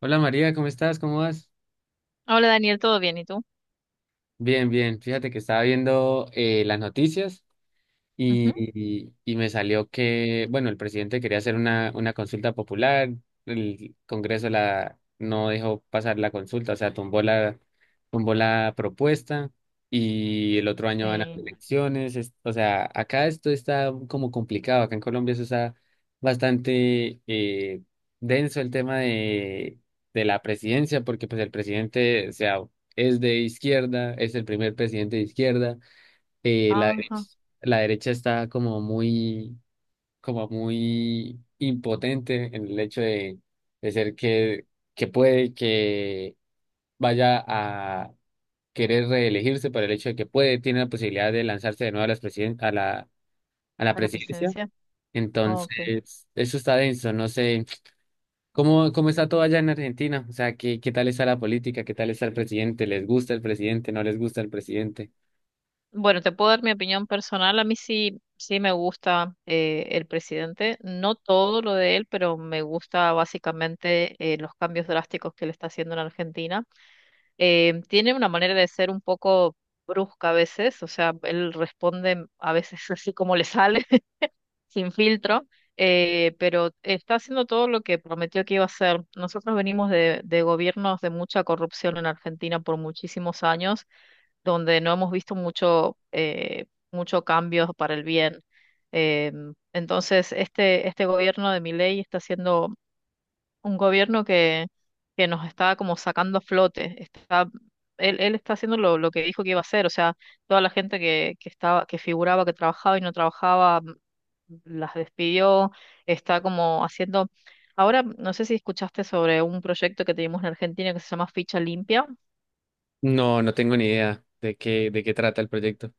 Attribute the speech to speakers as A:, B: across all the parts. A: Hola María, ¿cómo estás? ¿Cómo vas?
B: Hola Daniel, ¿todo bien? ¿Y tú?
A: Bien, bien. Fíjate que estaba viendo las noticias.
B: Ujú.
A: Y me salió que, bueno, el presidente quería hacer una consulta popular. El Congreso la, no dejó pasar la consulta. O sea, tumbó la propuesta y el otro año van a
B: Sí.
A: elecciones. O sea, acá esto está como complicado. Acá en Colombia eso está bastante denso el tema de la presidencia, porque pues el presidente, o sea, es de izquierda, es el primer presidente de izquierda. La derecha,
B: Ajá,
A: la derecha está como muy impotente en el hecho de ser que puede que vaya a querer reelegirse por el hecho de que puede, tiene la posibilidad de lanzarse de nuevo a las a la
B: a la
A: presidencia.
B: presencia. Ok.
A: Entonces, eso está denso. No sé cómo está todo allá en Argentina, o sea, qué tal está la política, qué tal está el presidente, ¿les gusta el presidente, no les gusta el presidente?
B: Bueno, te puedo dar mi opinión personal. A mí sí, sí me gusta el presidente. No todo lo de él, pero me gusta básicamente los cambios drásticos que él está haciendo en Argentina. Tiene una manera de ser un poco brusca a veces, o sea, él responde a veces así como le sale. Sin filtro, pero está haciendo todo lo que prometió que iba a hacer. Nosotros venimos de gobiernos de mucha corrupción en Argentina por muchísimos años, donde no hemos visto mucho, mucho cambio para el bien. Eh, entonces, este gobierno de Milei está siendo un gobierno que nos está como sacando a flote. Está, él está haciendo lo que dijo que iba a hacer, o sea, toda la gente que estaba, que figuraba que trabajaba y no trabajaba las despidió, está como haciendo, ahora no sé si escuchaste sobre un proyecto que teníamos en Argentina que se llama Ficha Limpia.
A: No, no tengo ni idea de qué trata el proyecto.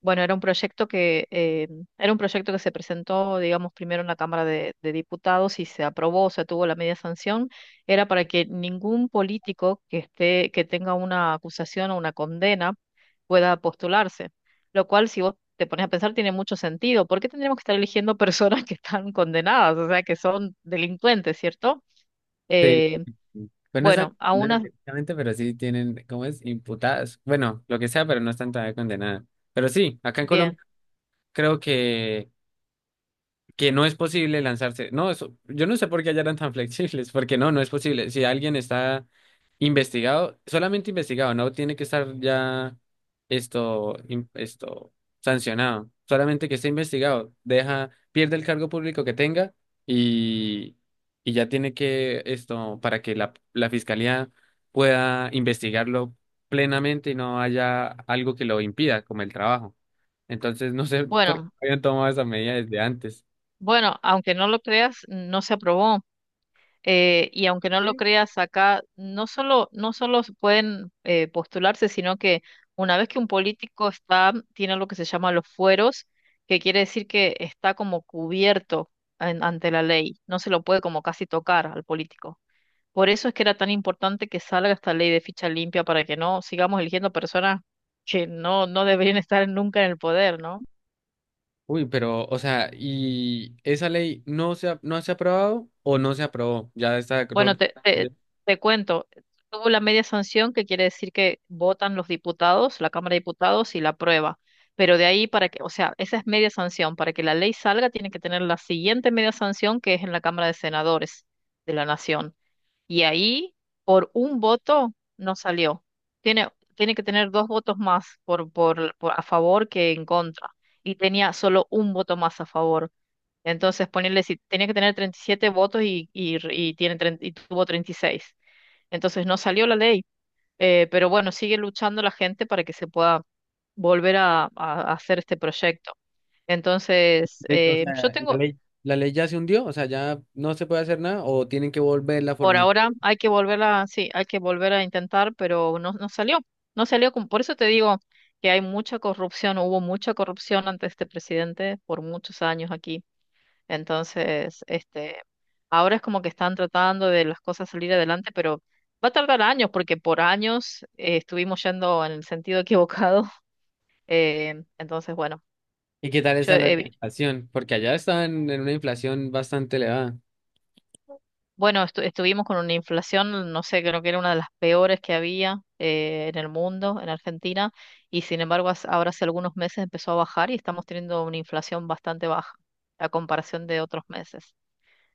B: Bueno, era un proyecto que era un proyecto que se presentó, digamos, primero en la Cámara de Diputados y se aprobó, se tuvo la media sanción. Era para que ningún político que esté, que tenga una acusación o una condena pueda postularse. Lo cual, si vos te pones a pensar, tiene mucho sentido. ¿Por qué tendríamos que estar eligiendo personas que están condenadas, o sea, que son delincuentes, ¿cierto?
A: Sí,
B: Eh,
A: pues no están
B: bueno,
A: condenadas directamente, pero sí tienen, ¿cómo es? Imputadas. Bueno, lo que sea, pero no están todavía condenadas. Pero sí, acá en Colombia
B: bien.
A: creo que no es posible lanzarse. No, eso, yo no sé por qué allá eran tan flexibles, porque no, no es posible. Si alguien está investigado, solamente investigado, no tiene que estar ya esto, sancionado. Solamente que esté investigado, deja, pierde el cargo público que tenga y, y ya tiene que esto, para que la fiscalía pueda investigarlo plenamente y no haya algo que lo impida, como el trabajo. Entonces, no sé por qué
B: Bueno,
A: habían tomado esa medida desde antes.
B: bueno, aunque no lo creas, no se aprobó. Y aunque no lo
A: ¿Sí?
B: creas acá, no solo, no solo se pueden postularse, sino que una vez que un político está, tiene lo que se llama los fueros, que quiere decir que está como cubierto ante la ley. No se lo puede como casi tocar al político. Por eso es que era tan importante que salga esta ley de ficha limpia para que no sigamos eligiendo personas que no, no deberían estar nunca en el poder, ¿no?
A: Uy, pero, o sea, ¿y esa ley no se ha aprobado o no se aprobó? Ya está,
B: Bueno,
A: de-
B: te cuento, tuvo la media sanción, que quiere decir que votan los diputados, la Cámara de Diputados y la aprueba. Pero de ahí para que, o sea, esa es media sanción. Para que la ley salga, tiene que tener la siguiente media sanción, que es en la Cámara de Senadores de la Nación. Y ahí, por un voto, no salió. Tiene, tiene que tener dos votos más por a favor que en contra. Y tenía solo un voto más a favor. Entonces, ponerle si tenía que tener 37 votos y tiene, 30 y tuvo 36. Entonces, no salió la ley. Pero bueno, sigue luchando la gente para que se pueda volver a hacer este proyecto. Entonces,
A: o
B: yo
A: sea, ¿y
B: tengo,
A: la ley ya se hundió? O sea, ¿ya no se puede hacer nada o tienen que volver la
B: por
A: fórmula?
B: ahora, hay que volver a, sí, hay que volver a intentar, pero no, no salió. No salió, por eso te digo que hay mucha corrupción, hubo mucha corrupción ante este presidente por muchos años aquí. Entonces, este, ahora es como que están tratando de las cosas salir adelante, pero va a tardar años porque por años estuvimos yendo en el sentido equivocado. Entonces, bueno,
A: ¿Y qué tal
B: yo,
A: está la
B: eh,
A: inflación? Porque allá están en una inflación bastante elevada.
B: bueno, estuvimos con una inflación, no sé, creo que era una de las peores que había en el mundo, en Argentina, y sin embargo, ahora hace algunos meses empezó a bajar y estamos teniendo una inflación bastante baja a comparación de otros meses.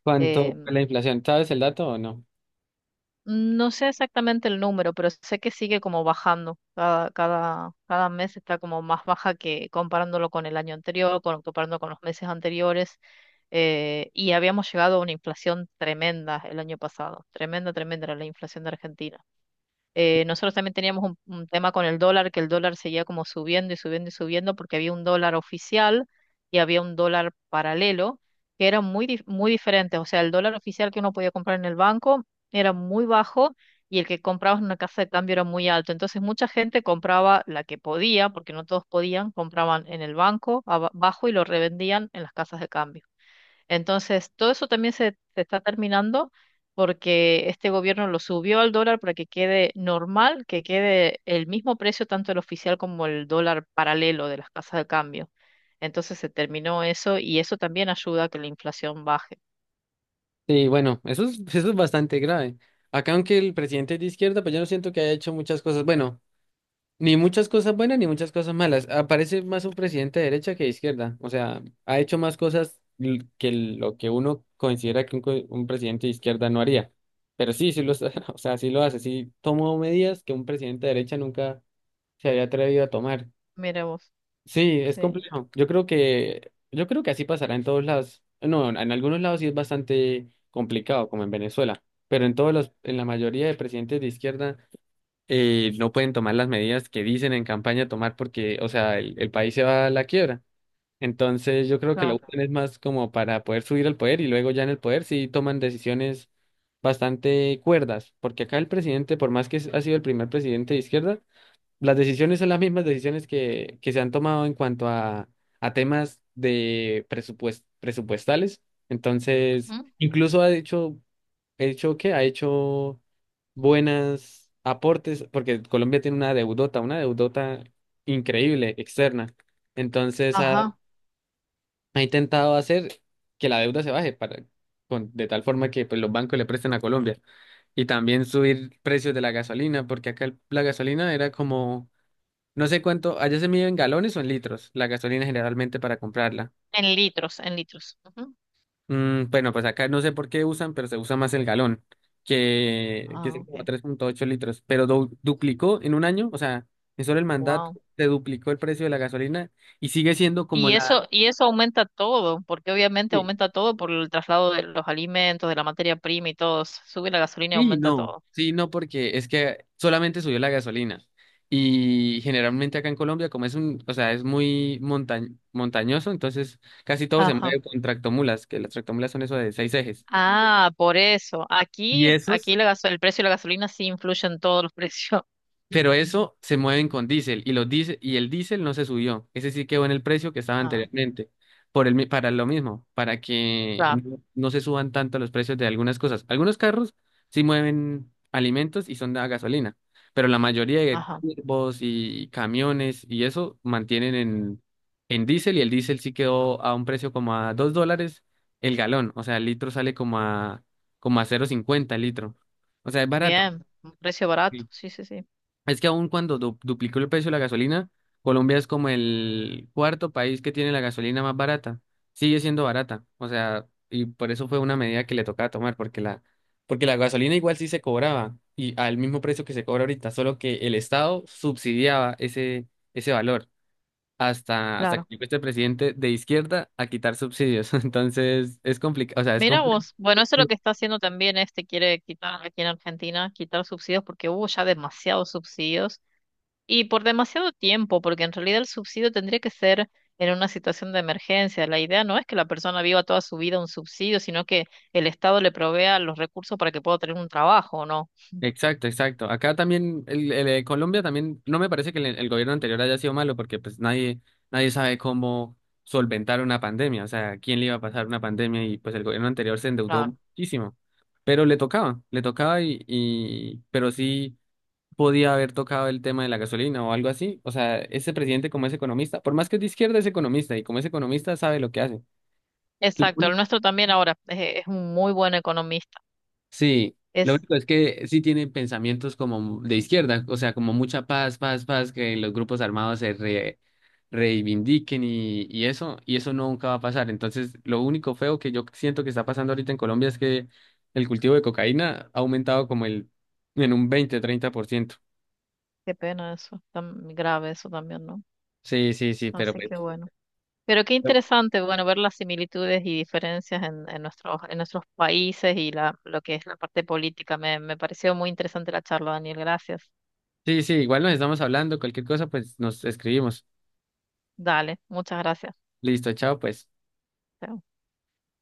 A: ¿Cuánto fue
B: em,
A: la inflación? ¿Sabes el dato o no?
B: No sé exactamente el número, pero sé que sigue como bajando. Cada mes está como más baja que comparándolo con el año anterior, con, comparando con los meses anteriores. Y habíamos llegado a una inflación tremenda el año pasado. Tremenda, tremenda era la inflación de Argentina. Nosotros también teníamos un tema con el dólar, que el dólar seguía como subiendo y subiendo y subiendo porque había un dólar oficial y había un dólar paralelo, que eran muy, muy diferentes. O sea, el dólar oficial que uno podía comprar en el banco era muy bajo y el que comprabas en una casa de cambio era muy alto. Entonces mucha gente compraba la que podía, porque no todos podían, compraban en el banco abajo y lo revendían en las casas de cambio. Entonces, todo eso también se está terminando porque este gobierno lo subió al dólar para que quede normal, que quede el mismo precio tanto el oficial como el dólar paralelo de las casas de cambio. Entonces se terminó eso y eso también ayuda a que la inflación baje.
A: Sí, bueno, eso es bastante grave. Acá, aunque el presidente es de izquierda, pues yo no siento que haya hecho muchas cosas. Bueno. Ni muchas cosas buenas ni muchas cosas malas. Aparece más un presidente de derecha que de izquierda. O sea, ha hecho más cosas que lo que uno considera que un presidente de izquierda no haría. Pero sí, sí lo, o sea, sí lo hace. Sí tomó medidas que un presidente de derecha nunca se había atrevido a tomar.
B: Mira vos,
A: Sí, es
B: sí,
A: complejo. Yo creo que así pasará en todos lados. No, en algunos lados sí es bastante complicado, como en Venezuela. Pero en todos los, en la mayoría de presidentes de izquierda no pueden tomar las medidas que dicen en campaña tomar porque, o sea, el país se va a la quiebra. Entonces yo creo que lo
B: claro.
A: usan es más como para poder subir al poder y luego ya en el poder sí toman decisiones bastante cuerdas, porque acá el presidente, por más que ha sido el primer presidente de izquierda, las decisiones son las mismas decisiones que se han tomado en cuanto a temas de presupuestales. Entonces,
B: Ujú.
A: incluso ha dicho he hecho que ha hecho buenas aportes, porque Colombia tiene una deudota increíble, externa. Entonces ha,
B: Ajá,
A: ha intentado hacer que la deuda se baje para, de tal forma que pues, los bancos le presten a Colombia. Y también subir precios de la gasolina, porque acá la gasolina era como, no sé cuánto, allá se mide en galones o en litros, la gasolina generalmente para comprarla.
B: en litros, en litros. Ujú.
A: Mm, bueno, pues acá no sé por qué usan, pero se usa más el galón, que
B: Ah,
A: es como
B: ok.
A: 3.8 litros, pero duplicó en un año. O sea, en solo el mandato
B: Wow.
A: se duplicó el precio de la gasolina y sigue siendo como la...
B: Y eso aumenta todo, porque obviamente
A: Sí,
B: aumenta todo por el traslado de los alimentos, de la materia prima y todo. Sube la gasolina y
A: sí,
B: aumenta
A: no,
B: todo.
A: sí, no, porque es que solamente subió la gasolina y generalmente acá en Colombia, como es un, o sea, es muy montañoso, entonces casi todo se
B: Ajá.
A: mueve con tractomulas, que las tractomulas son eso de seis ejes.
B: Ah, por eso.
A: Y
B: Aquí,
A: esos
B: aquí la el precio de la gasolina sí influye en todos los precios.
A: Pero eso se mueven con diésel y el diésel no se subió. Ese sí quedó en el precio que estaba
B: Ah,
A: anteriormente. Para lo mismo, para que
B: claro.
A: no, no se suban tanto los precios de algunas cosas. Algunos carros sí mueven alimentos y son de a gasolina, pero la mayoría de
B: Ajá.
A: turbos y camiones y eso mantienen en diésel y el diésel sí quedó a un precio como a $2 el galón. O sea, el litro sale como como a 0.50 el litro. O sea, es barato.
B: Bien. Un precio barato. Sí, sí, sí.
A: Es que aun cuando duplicó el precio de la gasolina, Colombia es como el cuarto país que tiene la gasolina más barata. Sigue siendo barata. O sea, y por eso fue una medida que le tocaba tomar, porque la gasolina igual sí se cobraba, y al mismo precio que se cobra ahorita, solo que el Estado subsidiaba ese valor. Hasta que
B: Claro.
A: llegó este presidente de izquierda a quitar subsidios. Entonces, es complicado, o sea, es
B: Mira
A: complicado.
B: vos. Bueno, eso es lo que está haciendo también este, quiere quitar aquí en Argentina, quitar subsidios porque hubo ya demasiados subsidios. Y por demasiado tiempo, porque en realidad el subsidio tendría que ser en una situación de emergencia. La idea no es que la persona viva toda su vida un subsidio, sino que el Estado le provea los recursos para que pueda tener un trabajo, ¿no?
A: Exacto, exacto. Acá también, el de Colombia también, no me parece que el gobierno anterior haya sido malo porque pues nadie sabe cómo solventar una pandemia. O sea, quién le iba a pasar una pandemia, y pues el gobierno anterior se
B: Ah,
A: endeudó muchísimo, pero le tocaba y pero sí podía haber tocado el tema de la gasolina o algo así. O sea, ese presidente como es economista, por más que es de izquierda es economista, y como es economista sabe lo que hace.
B: exacto, el nuestro también ahora es un muy buen economista.
A: Sí, lo
B: Es,
A: único es que sí tienen pensamientos como de izquierda, o sea, como mucha paz, paz, paz, que los grupos armados se reivindiquen, y eso nunca va a pasar. Entonces, lo único feo que yo siento que está pasando ahorita en Colombia es que el cultivo de cocaína ha aumentado en un 20-30%.
B: qué pena eso, tan grave eso también, ¿no?
A: Sí, sí, sí, pero
B: Así que
A: pues,
B: bueno. Pero qué
A: no.
B: interesante, bueno, ver las similitudes y diferencias en nuestros países y la, lo que es la parte política. Me pareció muy interesante la charla, Daniel. Gracias.
A: Sí, sí, igual nos estamos hablando. Cualquier cosa, pues nos escribimos.
B: Dale, muchas gracias.
A: Listo, chao, pues.
B: Chao.